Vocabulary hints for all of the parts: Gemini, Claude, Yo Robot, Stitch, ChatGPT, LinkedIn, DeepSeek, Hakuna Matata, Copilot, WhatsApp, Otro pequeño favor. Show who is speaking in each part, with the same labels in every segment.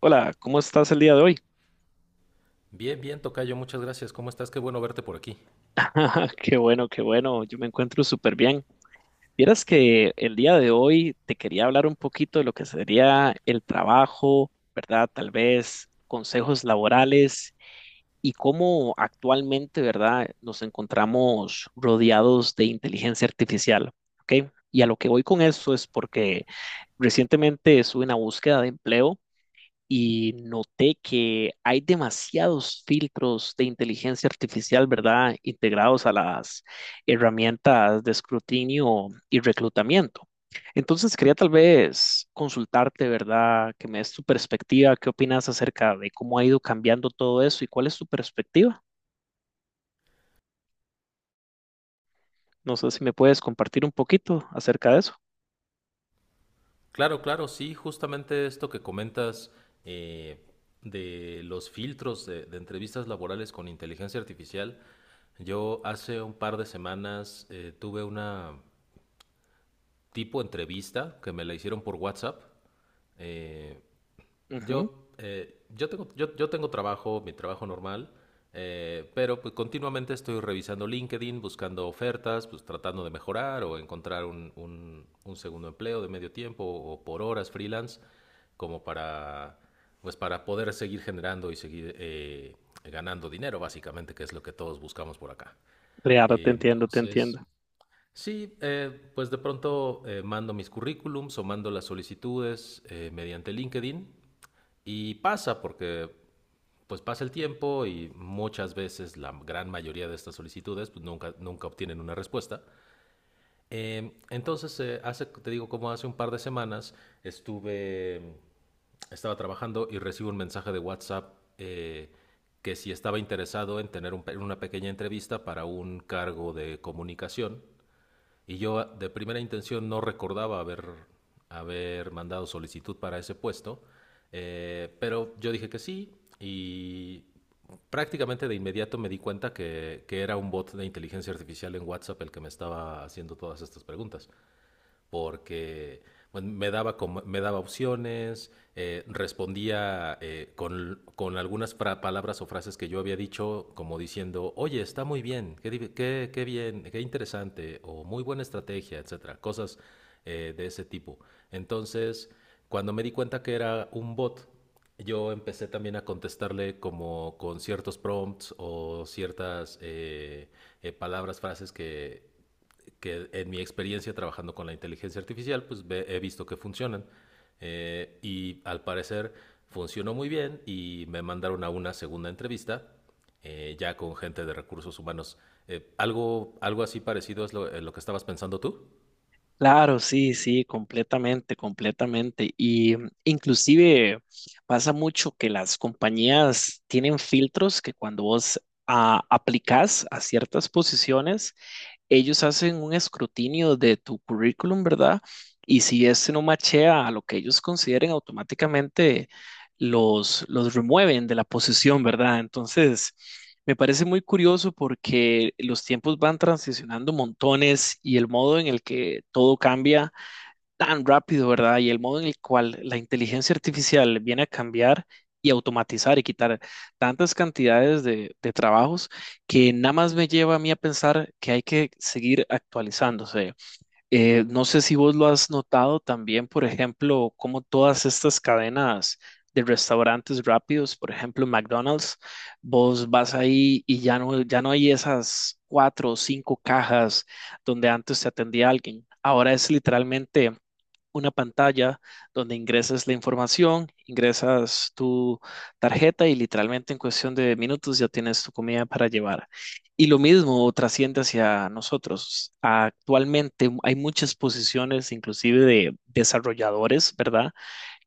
Speaker 1: Hola, ¿cómo estás el día de hoy?
Speaker 2: Bien, bien, Tocayo, muchas gracias. ¿Cómo estás? Qué bueno verte por aquí.
Speaker 1: Qué bueno, yo me encuentro súper bien. Vieras que el día de hoy te quería hablar un poquito de lo que sería el trabajo, ¿verdad? Tal vez consejos laborales y cómo actualmente, ¿verdad? Nos encontramos rodeados de inteligencia artificial, ¿ok? Y a lo que voy con eso es porque recientemente estuve en una búsqueda de empleo y noté que hay demasiados filtros de inteligencia artificial, ¿verdad? Integrados a las herramientas de escrutinio y reclutamiento. Entonces quería tal vez consultarte, ¿verdad? Que me des tu perspectiva, qué opinas acerca de cómo ha ido cambiando todo eso y cuál es tu perspectiva. No sé si me puedes compartir un poquito acerca de eso.
Speaker 2: Claro, claro, sí, justamente esto que comentas eh, de los filtros de entrevistas laborales con inteligencia artificial. Yo hace un par de semanas tuve una tipo entrevista que me la hicieron por WhatsApp. Eh,
Speaker 1: Ujú.
Speaker 2: yo tengo trabajo, mi trabajo normal, pero pues, continuamente estoy revisando LinkedIn, buscando ofertas, pues tratando de mejorar o encontrar un segundo empleo de medio tiempo o por horas freelance, como para, pues, para poder seguir generando y seguir ganando dinero, básicamente, que es lo que todos buscamos por acá.
Speaker 1: Claro, te
Speaker 2: Eh,
Speaker 1: entiendo, te entiendo.
Speaker 2: Entonces, Sí, pues de pronto mando mis currículums o mando las solicitudes mediante LinkedIn y pasa porque pues pasa el tiempo y muchas veces la gran mayoría de estas solicitudes pues nunca, nunca obtienen una respuesta. Hace, te digo, como hace un par de semanas estuve, estaba trabajando y recibo un mensaje de WhatsApp que si estaba interesado en tener una pequeña entrevista para un cargo de comunicación y yo de primera intención no recordaba haber mandado solicitud para ese puesto, pero yo dije que sí y prácticamente de inmediato me di cuenta que era un bot de inteligencia artificial en WhatsApp el que me estaba haciendo todas estas preguntas porque pues, daba me daba opciones, respondía con algunas palabras o frases que yo había dicho, como diciendo, oye, está muy bien, qué bien, qué interesante, o muy buena estrategia, etcétera, cosas de ese tipo. Entonces, cuando me di cuenta que era un bot, yo empecé también a contestarle como con ciertos prompts o ciertas palabras, que en mi experiencia trabajando con la inteligencia artificial, pues he visto que funcionan. Y al parecer funcionó muy bien y me mandaron a una segunda entrevista, ya con gente de recursos humanos. ¿Algo así parecido es lo que estabas pensando tú?
Speaker 1: Claro, sí, sí, completamente, completamente. Y inclusive pasa mucho que las compañías tienen filtros que cuando vos aplicás a ciertas posiciones, ellos hacen un escrutinio de tu currículum, ¿verdad? Y si este no machea a lo que ellos consideren, automáticamente los remueven de la posición, ¿verdad? Entonces, me parece muy curioso porque los tiempos van transicionando montones y el modo en el que todo cambia tan rápido, ¿verdad? Y el modo en el cual la inteligencia artificial viene a cambiar y automatizar y quitar tantas cantidades de trabajos que nada más me lleva a mí a pensar que hay que seguir actualizándose. No sé si vos lo has notado también, por ejemplo, como todas estas cadenas de restaurantes rápidos, por ejemplo, McDonald's. Vos vas ahí y ya no hay esas cuatro o cinco cajas donde antes te atendía alguien. Ahora es literalmente una pantalla donde ingresas la información, ingresas tu tarjeta y literalmente en cuestión de minutos ya tienes tu comida para llevar. Y lo mismo trasciende hacia nosotros. Actualmente hay muchas posiciones, inclusive de desarrolladores, ¿verdad?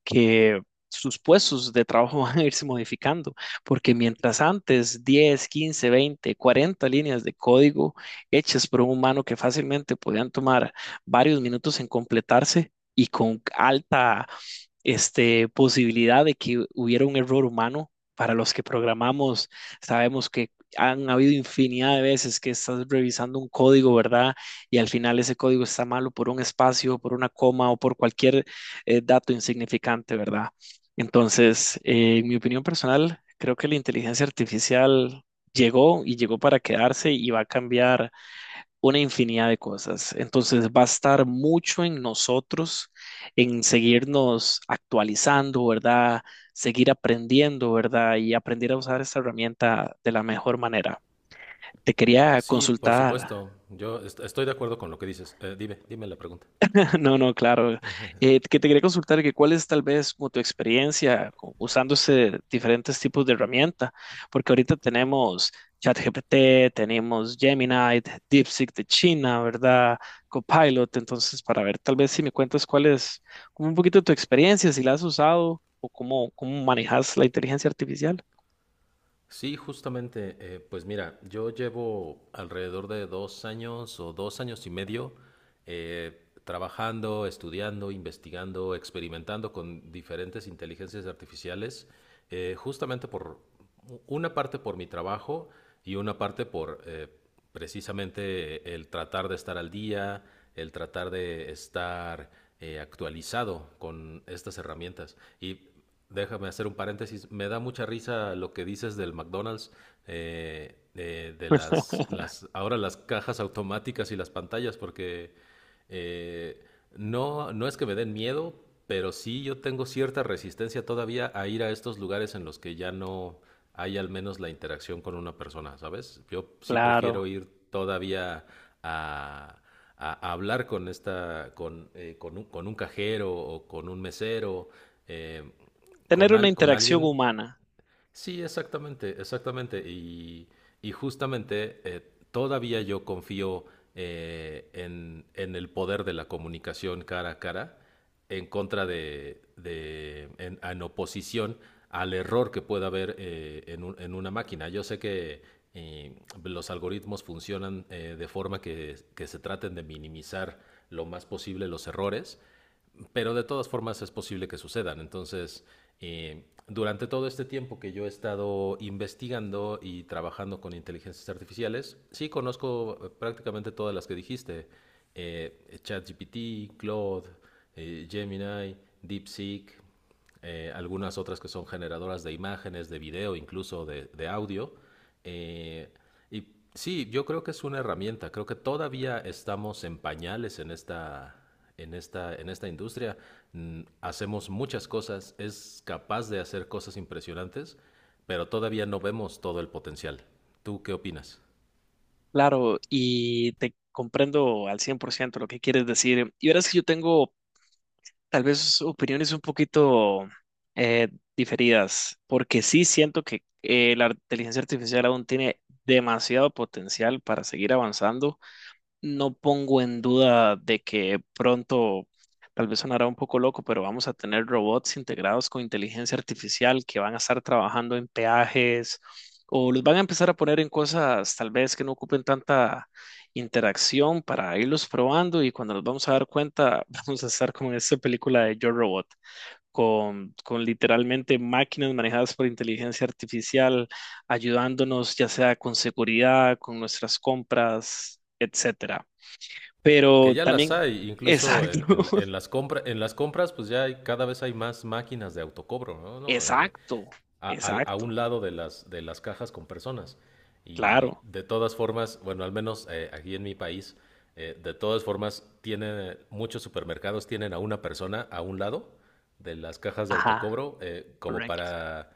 Speaker 1: Que sus puestos de trabajo van a irse modificando, porque mientras antes 10, 15, 20, 40 líneas de código hechas por un humano que fácilmente podían tomar varios minutos en completarse y con alta, posibilidad de que hubiera un error humano. Para los que programamos, sabemos que han habido infinidad de veces que estás revisando un código, ¿verdad? Y al final ese código está malo por un espacio, por una coma o por cualquier dato insignificante, ¿verdad? Entonces, en mi opinión personal, creo que la inteligencia artificial llegó y llegó para quedarse y va a cambiar una infinidad de cosas. Entonces, va a estar mucho en nosotros, en seguirnos actualizando, ¿verdad? Seguir aprendiendo, ¿verdad? Y aprender a usar esta herramienta de la mejor manera. Te quería
Speaker 2: Sí, por
Speaker 1: consultar.
Speaker 2: supuesto. Yo estoy de acuerdo con lo que dices. Dime, dime la pregunta.
Speaker 1: No, no, claro. Que te quería consultar que cuál es tal vez como tu experiencia usando diferentes tipos de herramienta, porque ahorita tenemos ChatGPT, tenemos Gemini, DeepSeek de China, ¿verdad? Copilot. Entonces para ver tal vez si me cuentas cuál es como un poquito tu experiencia, si la has usado o cómo manejas la inteligencia artificial.
Speaker 2: Sí, justamente, pues mira, yo llevo alrededor de dos años o dos años y medio trabajando, estudiando, investigando, experimentando con diferentes inteligencias artificiales, justamente por una parte por mi trabajo y una parte por precisamente el tratar de estar al día, el tratar de estar actualizado con estas herramientas. Y déjame hacer un paréntesis. Me da mucha risa lo que dices del McDonald's, de ahora las cajas automáticas y las pantallas, porque eh, no, no es que me den miedo, pero sí yo tengo cierta resistencia todavía a ir a estos lugares en los que ya no hay al menos la interacción con una persona, ¿sabes? Yo sí prefiero
Speaker 1: Claro,
Speaker 2: ir todavía a, a hablar con esta, con un cajero o con un mesero. eh,
Speaker 1: tener una
Speaker 2: con
Speaker 1: interacción
Speaker 2: alguien.
Speaker 1: humana.
Speaker 2: Sí, exactamente, exactamente. Y justamente todavía yo confío en el poder de la comunicación cara a cara en contra en oposición al error que pueda haber en una máquina. Yo sé que eh, los algoritmos funcionan de forma que se traten de minimizar lo más posible los errores, pero de todas formas es posible que sucedan. Entonces, durante todo este tiempo que yo he estado investigando y trabajando con inteligencias artificiales, sí conozco prácticamente todas las que dijiste. ChatGPT, Claude, Gemini, DeepSeek, algunas otras que son generadoras de imágenes, de video, incluso de audio. eh, y sí, yo creo que es una herramienta. Creo que todavía estamos en pañales en esta, en esta, en esta industria. Hacemos muchas cosas, es capaz de hacer cosas impresionantes, pero todavía no vemos todo el potencial. ¿Tú qué opinas?
Speaker 1: Claro, y te comprendo al 100% lo que quieres decir. Y verás que yo tengo tal vez opiniones un poquito, eh, diferidas, porque sí siento que la inteligencia artificial aún tiene demasiado potencial para seguir avanzando. No pongo en duda de que pronto, tal vez sonará un poco loco, pero vamos a tener robots integrados con inteligencia artificial que van a estar trabajando en peajes, o los van a empezar a poner en cosas tal vez que no ocupen tanta interacción para irlos probando, y cuando nos vamos a dar cuenta vamos a estar como en esta película de Yo Robot, con literalmente máquinas manejadas por inteligencia artificial ayudándonos ya sea con seguridad, con nuestras compras, etcétera.
Speaker 2: Que
Speaker 1: Pero
Speaker 2: ya las
Speaker 1: también,
Speaker 2: hay, incluso
Speaker 1: exacto.
Speaker 2: en, en las compras, pues ya hay, cada vez hay más máquinas de autocobro, ¿no? ¿No? En,
Speaker 1: Exacto,
Speaker 2: a
Speaker 1: exacto,
Speaker 2: un lado de las cajas con personas. Y
Speaker 1: claro,
Speaker 2: de todas formas, bueno, al menos aquí en mi país, de todas formas, tienen muchos supermercados tienen a una persona a un lado de las cajas de
Speaker 1: ajá,
Speaker 2: autocobro como
Speaker 1: correcto.
Speaker 2: para...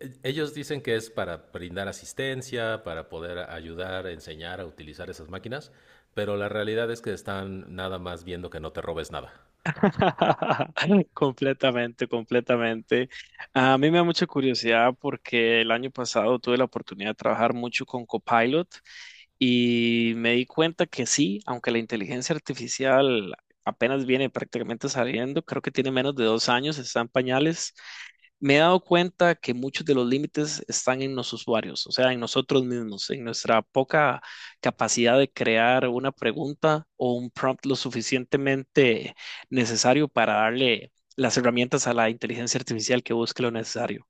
Speaker 2: Ellos dicen que es para brindar asistencia, para poder ayudar, enseñar a utilizar esas máquinas, pero la realidad es que están nada más viendo que no te robes nada.
Speaker 1: Completamente, completamente. A mí me da mucha curiosidad porque el año pasado tuve la oportunidad de trabajar mucho con Copilot y me di cuenta que sí, aunque la inteligencia artificial apenas viene prácticamente saliendo, creo que tiene menos de 2 años, está en pañales. Me he dado cuenta que muchos de los límites están en los usuarios, o sea, en nosotros mismos, en nuestra poca capacidad de crear una pregunta o un prompt lo suficientemente necesario para darle las herramientas a la inteligencia artificial que busque lo necesario.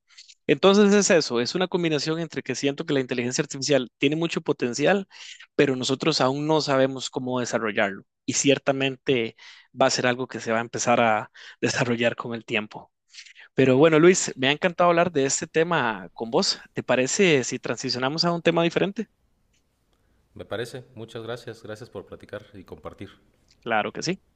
Speaker 1: Entonces es eso, es una combinación entre que siento que la inteligencia artificial tiene mucho potencial, pero nosotros aún no sabemos cómo desarrollarlo, y ciertamente va a ser algo que se va a empezar a desarrollar con el tiempo. Pero bueno, Luis, me ha encantado hablar de este tema con vos. ¿Te parece si transicionamos a un tema diferente?
Speaker 2: Me parece. Muchas gracias. Gracias por platicar y compartir.
Speaker 1: Claro que sí.